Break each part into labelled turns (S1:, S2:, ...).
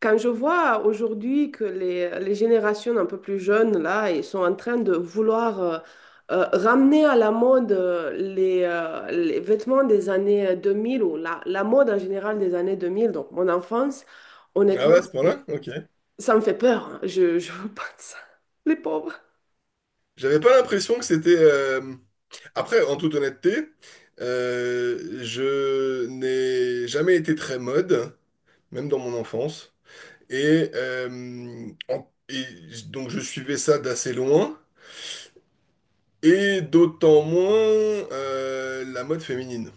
S1: Quand je vois aujourd'hui que les générations un peu plus jeunes, là, ils sont en train de vouloir ramener à la mode les vêtements des années 2000 ou la mode en général des années 2000, donc mon enfance,
S2: Ah
S1: honnêtement,
S2: ouais, à
S1: ça
S2: ce
S1: me
S2: point-là? Ok.
S1: ça me fait peur, hein. Je veux pas de ça. Les pauvres.
S2: J'avais pas l'impression que c'était. Après, en toute honnêteté, je n'ai jamais été très mode, même dans mon enfance. Et, euh, et donc je suivais ça d'assez loin, et d'autant moins la mode féminine.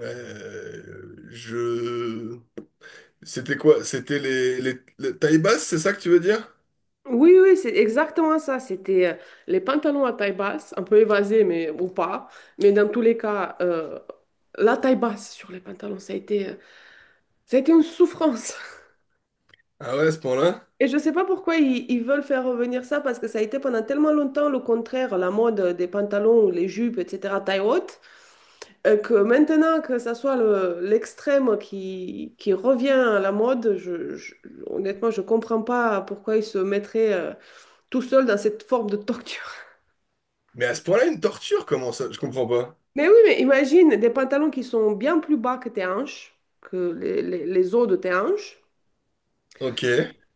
S2: Je. C'était quoi? C'était les tailles basses, c'est ça que tu veux dire?
S1: Oui, oui, c'est exactement ça. C'était les pantalons à taille basse, un peu évasés, mais ou pas. Mais dans tous les cas, la taille basse sur les pantalons, ça a été une souffrance.
S2: Ah ouais, à ce point-là?
S1: Et je sais pas pourquoi ils veulent faire revenir ça, parce que ça a été pendant tellement longtemps le contraire, la mode des pantalons, les jupes, etc., taille haute, que maintenant que ça soit l'extrême qui revient à la mode, honnêtement, je comprends pas pourquoi ils se mettraient tout seuls dans cette forme de torture.
S2: Mais à ce point-là, une torture, comment ça? Je comprends pas.
S1: Mais oui, mais imagine des pantalons qui sont bien plus bas que tes hanches, que les os de tes hanches,
S2: Ok.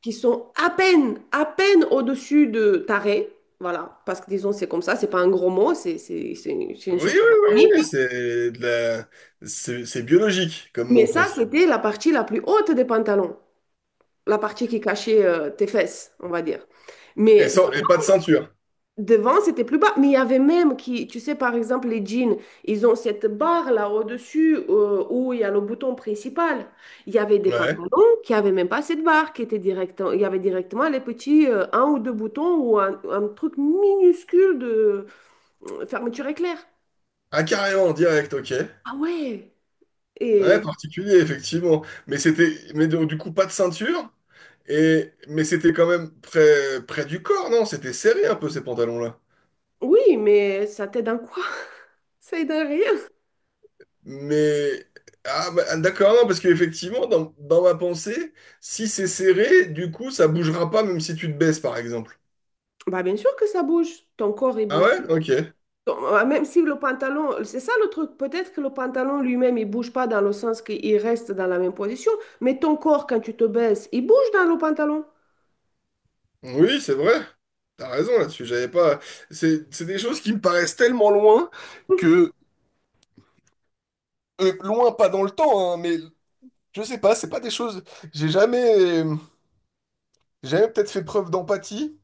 S1: qui sont à peine au-dessus de taré. Voilà, parce que disons, c'est comme ça, c'est pas un gros mot, c'est c'est- c'est une c'est
S2: Oui,
S1: une
S2: oui,
S1: chose
S2: oui, oui,
S1: anatomique.
S2: oui, c'est de la. C'est biologique comme
S1: Mais
S2: mot
S1: ça,
S2: presque.
S1: c'était la partie la plus haute des pantalons, la partie qui cachait tes fesses, on va dire.
S2: Et,
S1: Mais
S2: sans... et pas de ceinture.
S1: devant, c'était plus bas, mais il y avait même qui, tu sais, par exemple, les jeans, ils ont cette barre là au-dessus où il y a le bouton principal. Il y avait des pantalons
S2: Ouais.
S1: qui avaient même pas cette barre, qui était direct, il y avait directement les petits un ou deux boutons ou un truc minuscule de fermeture éclair.
S2: Ah, carrément, en direct, ok.
S1: Ah ouais!
S2: Ouais,
S1: Et
S2: particulier, effectivement. Mais c'était, mais donc, du coup, pas de ceinture. Et. Mais c'était quand même près du corps, non? C'était serré un peu ces pantalons-là.
S1: oui, mais ça t'aide en quoi? Ça aide en rien.
S2: Mais. Ah, bah, d'accord, non, parce qu'effectivement, dans ma pensée, si c'est serré, du coup, ça bougera pas même si tu te baisses, par exemple.
S1: Bah bien sûr que ça bouge. Ton corps, il
S2: Ah
S1: bouge.
S2: ouais? Ok.
S1: Donc, même si le pantalon, c'est ça le truc, peut-être que le pantalon lui-même, il bouge pas dans le sens qu'il reste dans la même position, mais ton corps, quand tu te baisses, il bouge dans le pantalon.
S2: Oui, c'est vrai. T'as raison là-dessus, j'avais pas. C'est des choses qui me paraissent tellement loin que. Loin, pas dans le temps, hein, mais je sais pas, c'est pas des choses. J'ai jamais. J'ai jamais peut-être fait preuve d'empathie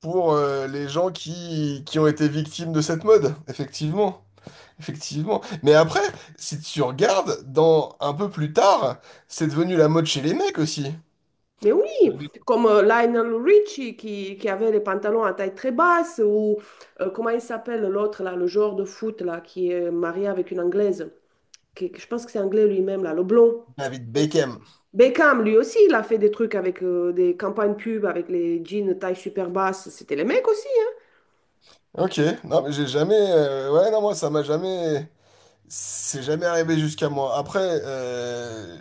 S2: pour les gens qui ont été victimes de cette mode, effectivement. Effectivement. Mais après, si tu regardes, dans un peu plus tard, c'est devenu la mode chez les mecs aussi.
S1: Mais oui,
S2: Avec
S1: comme Lionel Richie qui avait les pantalons à taille très basse, ou comment il s'appelle l'autre, là, le joueur de foot là, qui est marié avec une Anglaise, je pense que c'est anglais lui-même, là, le blond.
S2: David Beckham.
S1: Beckham, lui aussi, il a fait des trucs avec des campagnes pub, avec les jeans taille super basse. C'était les mecs aussi, hein.
S2: Ok, non, mais j'ai jamais. Ouais, non, moi, ça m'a jamais. C'est jamais arrivé jusqu'à moi. Après,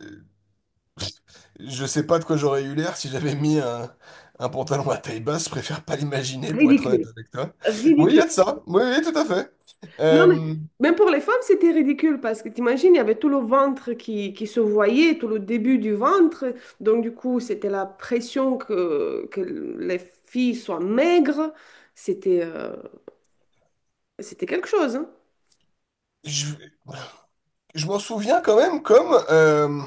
S2: je sais pas de quoi j'aurais eu l'air si j'avais mis un pantalon à taille basse. Je préfère pas l'imaginer, pour être honnête
S1: Ridicule.
S2: avec toi. Oui, il y
S1: Ridicule.
S2: a de ça. Oui, oui, tout à fait.
S1: Non, mais
S2: Euh,
S1: même pour les femmes, c'était ridicule parce que t'imagines, il y avait tout le ventre qui se voyait, tout le début du ventre. Donc, du coup, c'était la pression que les filles soient maigres. C'était euh, c'était quelque chose, hein.
S2: je je m'en souviens quand même comme,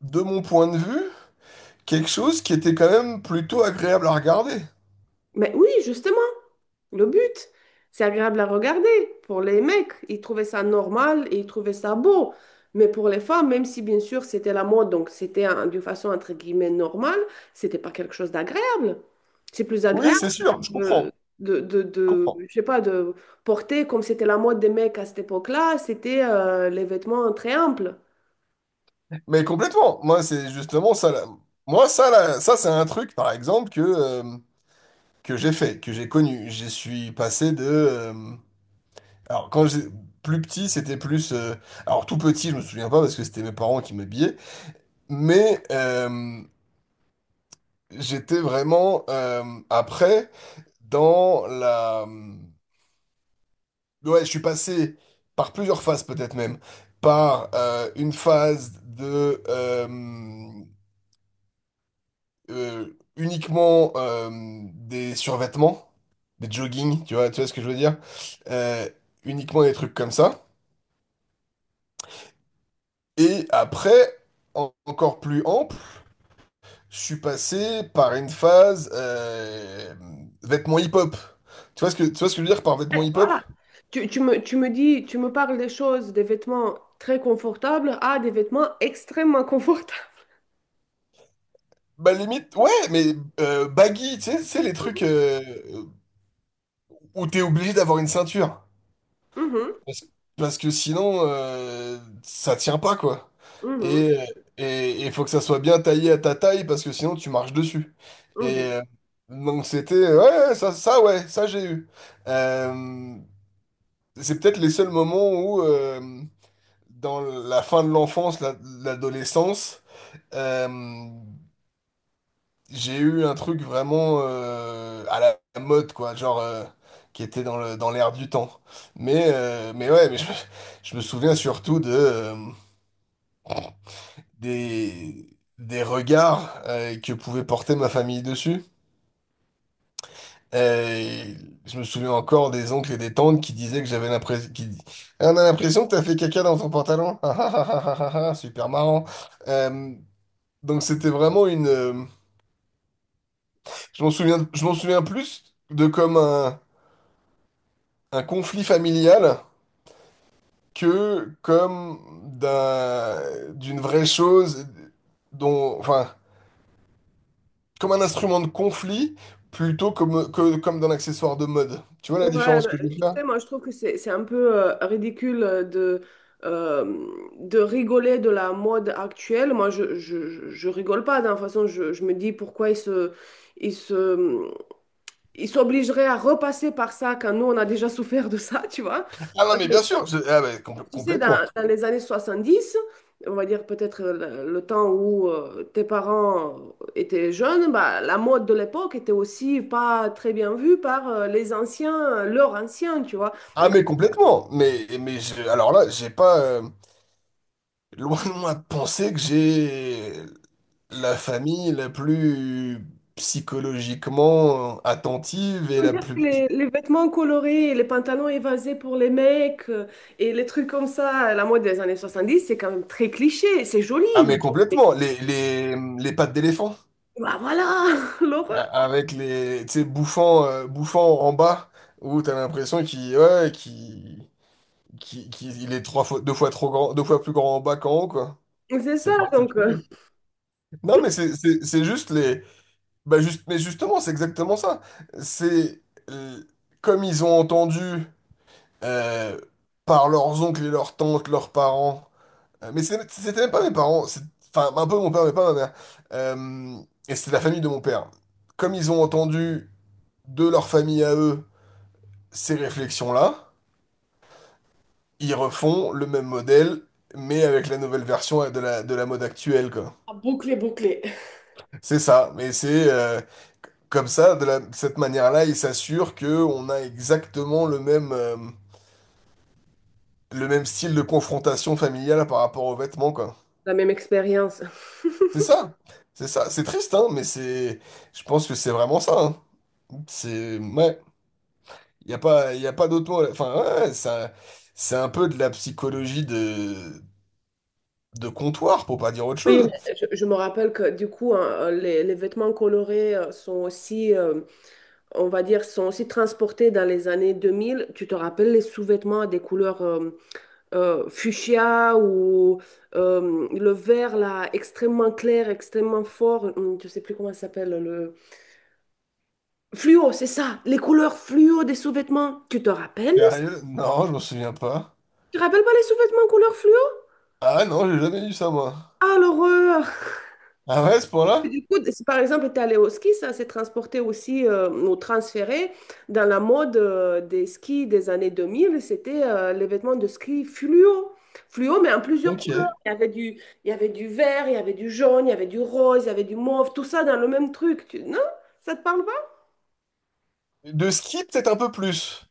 S2: de mon point de vue, quelque chose qui était quand même plutôt agréable à regarder.
S1: Mais oui, justement, le but, c'est agréable à regarder. Pour les mecs, ils trouvaient ça normal et ils trouvaient ça beau. Mais pour les femmes, même si bien sûr c'était la mode, donc c'était d'une façon entre guillemets normale, c'était pas quelque chose d'agréable. C'est plus
S2: Oui,
S1: agréable
S2: c'est sûr, je
S1: de,
S2: comprends, je comprends.
S1: je sais pas, de porter comme c'était la mode des mecs à cette époque-là, c'était les vêtements très amples.
S2: Mais complètement. Moi, c'est justement ça. Là. Moi, ça, là, ça, c'est un truc, par exemple, que j'ai fait, que j'ai connu. Je suis passé de. Alors, quand j'ai. Plus petit, c'était plus. Alors, tout petit, je me souviens pas parce que c'était mes parents qui m'habillaient. Mais j'étais vraiment. Après, dans la. Ouais, je suis passé par plusieurs phases peut-être même. Par une phase de. Euh, Uniquement des survêtements, des joggings, tu vois ce que je veux dire? Euh, Uniquement des trucs comme ça. Et après, encore plus ample, je suis passé par une phase vêtements hip-hop. Tu vois ce que je veux dire par
S1: Eh,
S2: vêtements hip-hop?
S1: voilà. Tu me parles des choses, des vêtements très confortables à des vêtements extrêmement confortables.
S2: Bah limite, ouais, mais baggy, tu sais, les trucs où t'es obligé d'avoir une ceinture.
S1: Mhm,
S2: Parce, parce que sinon, ça tient pas, quoi.
S1: mhm.
S2: Et euh, et il faut que ça soit bien taillé à ta taille, parce que sinon, tu marches dessus. Et
S1: Mhm.
S2: euh, donc c'était, ouais, ouais, ça, ouais, ça j'ai eu. Euh, C'est peut-être les seuls moments où, dans la fin de l'enfance, l'adolescence, euh, j'ai eu un truc vraiment à la mode, quoi, genre qui était dans l'air du temps. Mais ouais, mais je me souviens surtout des, des regards que pouvait porter ma famille dessus. Et je me souviens encore des oncles et des tantes qui disaient que j'avais l'impression. Qui. Ah, on a l'impression que t'as fait caca dans ton pantalon. Ah, ah, ah, ah, ah, ah, ah, super marrant. Euh, donc c'était vraiment une. Je m'en souviens plus de comme un conflit familial que comme d'un, d'une vraie chose dont. Enfin, comme un instrument de conflit plutôt comme d'un accessoire de mode. Tu vois la
S1: Ouais,
S2: différence
S1: bah,
S2: que je veux
S1: tu
S2: faire?
S1: sais, moi je trouve que c'est un peu ridicule euh, de rigoler de la mode actuelle. Moi je rigole pas, d'une façon, je me dis pourquoi ils se, ils s'obligeraient à repasser par ça quand nous on a déjà souffert de ça, tu vois.
S2: Ah non, mais
S1: Euh,
S2: bien sûr, ah, bah, compl-
S1: Tu sais, dans,
S2: complètement.
S1: dans les années 70, on va dire peut-être le temps où tes parents étaient jeunes, bah, la mode de l'époque était aussi pas très bien vue par les anciens, leurs anciens, tu vois.
S2: Ah
S1: Donc,
S2: mais complètement. Mais alors là, j'ai pas loin de moi de penser que j'ai la famille la plus psychologiquement attentive et
S1: on peut
S2: la
S1: dire
S2: plus.
S1: que les vêtements colorés, les pantalons évasés pour les mecs et les trucs comme ça, la mode des années 70, c'est quand même très cliché, c'est joli.
S2: Ah mais
S1: mais-
S2: complètement. Les pattes d'éléphant
S1: Bah voilà, l'horreur.
S2: avec les, tu sais, bouffant en bas où t'as l'impression qu'il ouais, qu'il, qu'il- qu'il- il est trois fois, deux fois trop grand, deux fois plus grand en bas qu'en haut, quoi.
S1: C'est ça,
S2: C'est
S1: donc
S2: particulier. Non mais c'est juste. Bah juste, mais justement, c'est exactement ça. C'est euh, comme ils ont entendu euh, par leurs oncles et leurs tantes, leurs parents. Mais c'était même pas mes parents. Enfin, un peu mon père, mais pas ma mère. euh, et c'est la famille de mon père. Comme ils ont entendu de leur famille à eux ces réflexions-là, ils refont le même modèle, mais avec la nouvelle version de la mode actuelle, quoi.
S1: ah, bouclé, bouclé.
S2: C'est ça. Mais c'est comme ça, de cette manière-là, il s'assure que on a exactement le même style de confrontation familiale par rapport aux vêtements, quoi.
S1: La même expérience.
S2: C'est ça, c'est ça. C'est triste, hein, mais je pense que c'est vraiment ça. Hein. C'est, ouais, il y a pas d'autre mot. Enfin, ouais, ça, c'est un peu de la psychologie de comptoir, pour pas dire autre
S1: Oui,
S2: chose.
S1: mais je me rappelle que du coup, hein, les vêtements colorés sont aussi, on va dire, sont aussi transportés dans les années 2000. Tu te rappelles les sous-vêtements à des couleurs fuchsia ou le vert là, extrêmement clair, extrêmement fort. Je sais plus comment ça s'appelle le fluo, c'est ça, les couleurs fluo des sous-vêtements. Tu te rappelles de ça?
S2: Sérieux? Non, je m'en souviens pas.
S1: Tu te rappelles pas les sous-vêtements couleur fluo?
S2: Ah non, j'ai jamais vu ça, moi.
S1: Ah, l'horreur!
S2: Ah ouais, à ce
S1: Et
S2: point-là?
S1: du coup, si par exemple, tu allé au ski, ça s'est transporté aussi ou transféré dans la mode des skis des années 2000. C'était les vêtements de ski fluo. Fluo, mais en plusieurs couleurs.
S2: Ok.
S1: Il y avait du vert, il y avait du jaune, il y avait du rose, il y avait du mauve, tout ça dans le même truc. Non? Ça te parle pas?
S2: De ski, peut-être un peu plus.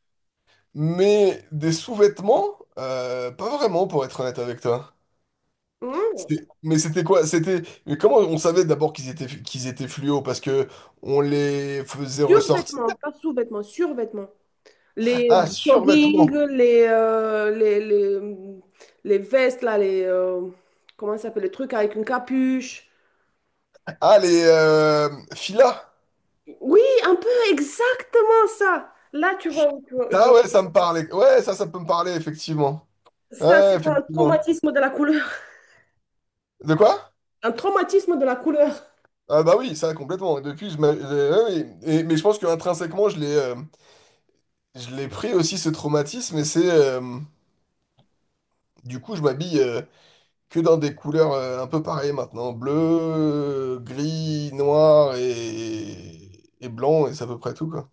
S2: Mais des sous-vêtements, pas vraiment pour être honnête avec toi.
S1: Non.
S2: Mais c'était quoi? C'était mais comment on savait d'abord qu'ils étaient fluo parce que on les faisait ressortir.
S1: Survêtements, pas sous-vêtements, survêtements. Les
S2: Ah,
S1: jogging,
S2: survêtements.
S1: les vestes, là, comment ça s'appelle, les trucs avec une capuche.
S2: Ah, les filas.
S1: Oui, un peu exactement ça. Là, tu vois, je vois.
S2: Ah ouais, ça me parlait. Ouais, ça peut me parler effectivement.
S1: Ça,
S2: Ouais,
S1: c'est pas un
S2: effectivement.
S1: traumatisme de la couleur.
S2: De quoi?
S1: Un traumatisme de la couleur.
S2: Ah bah oui, ça complètement. Depuis, ouais, oui. Mais je pense que intrinsèquement, je l'ai pris aussi ce traumatisme et c'est du coup, je m'habille que dans des couleurs un peu pareilles maintenant. Bleu, gris, noir et blanc, et c'est à peu près tout, quoi.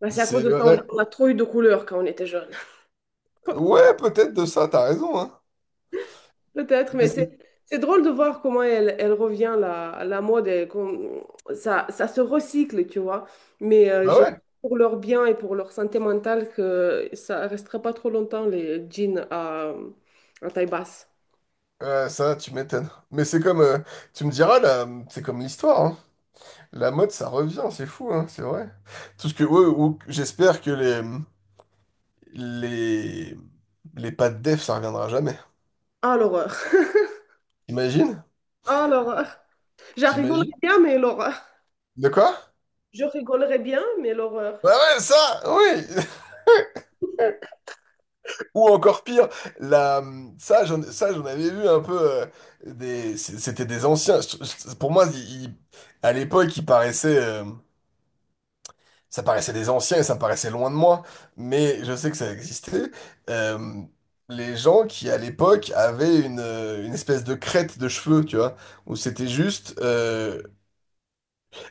S1: Bah, c'est à cause
S2: C'est,
S1: de ça,
S2: ouais,
S1: on a trop eu de couleurs quand on était jeune.
S2: ouais, peut-être de ça, t'as raison, hein.
S1: Peut-être,
S2: Mais
S1: mais c'est c'est drôle de voir comment elle revient, la mode, et ça se recycle, tu vois. Mais
S2: bah
S1: j'ai
S2: ouais,
S1: pour leur bien et pour leur santé mentale que ça restera pas trop longtemps, les jeans à taille basse.
S2: ça, tu m'étonnes. Mais c'est comme, tu me diras, là, c'est comme l'histoire, hein. La mode, ça revient, c'est fou, hein, c'est vrai. Tout ce que, ouais, j'espère que les, les, les pas de def, ça reviendra jamais.
S1: Ah, l'horreur.
S2: T'imagines?
S1: Ah, l'horreur. J'en rigolais
S2: T'imagines?
S1: bien, mais l'horreur.
S2: De quoi?
S1: Je rigolerais bien, mais l'horreur.
S2: Bah ouais, ça, oui! Ou encore pire, la, ça, j'en avais vu un peu. euh, C'était des anciens. Pour moi, à l'époque, ça paraissait des anciens et ça paraissait loin de moi. Mais je sais que ça existait. Euh, les gens qui, à l'époque, avaient une espèce de crête de cheveux, tu vois, où c'était juste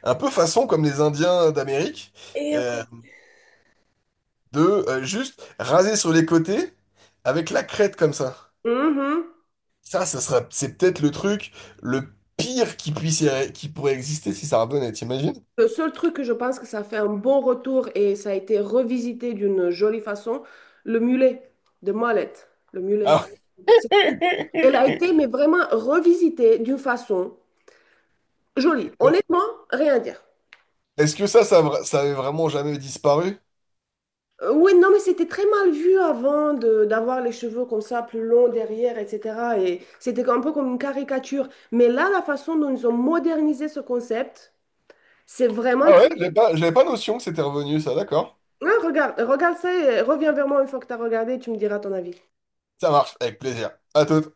S2: un peu façon comme les Indiens d'Amérique,
S1: Eh
S2: euh,
S1: oui.
S2: de juste raser sur les côtés avec la crête comme ça.
S1: Mhm.
S2: C'est peut-être le truc le pire qui pourrait exister si ça revenait, t'imagines?
S1: Le seul truc que je pense que ça fait un bon retour et ça a été revisité d'une jolie façon, le mulet de Mollett. Le mulet.
S2: Ah
S1: C'est tout. Elle
S2: ouais.
S1: a été, mais vraiment revisitée d'une façon jolie.
S2: Mais
S1: Honnêtement, rien à dire.
S2: est-ce que ça avait vraiment jamais disparu?
S1: Oui, non, mais c'était très mal vu avant d'avoir les cheveux comme ça, plus longs derrière, etc. Et c'était un peu comme une caricature. Mais là, la façon dont ils ont modernisé ce concept, c'est vraiment
S2: Ah ouais,
S1: très.
S2: j'avais pas notion que c'était revenu, ça, d'accord.
S1: Ouais, regarde, regarde ça et reviens vers moi une fois que tu as regardé, tu me diras ton avis.
S2: Ça marche, avec plaisir. À tout.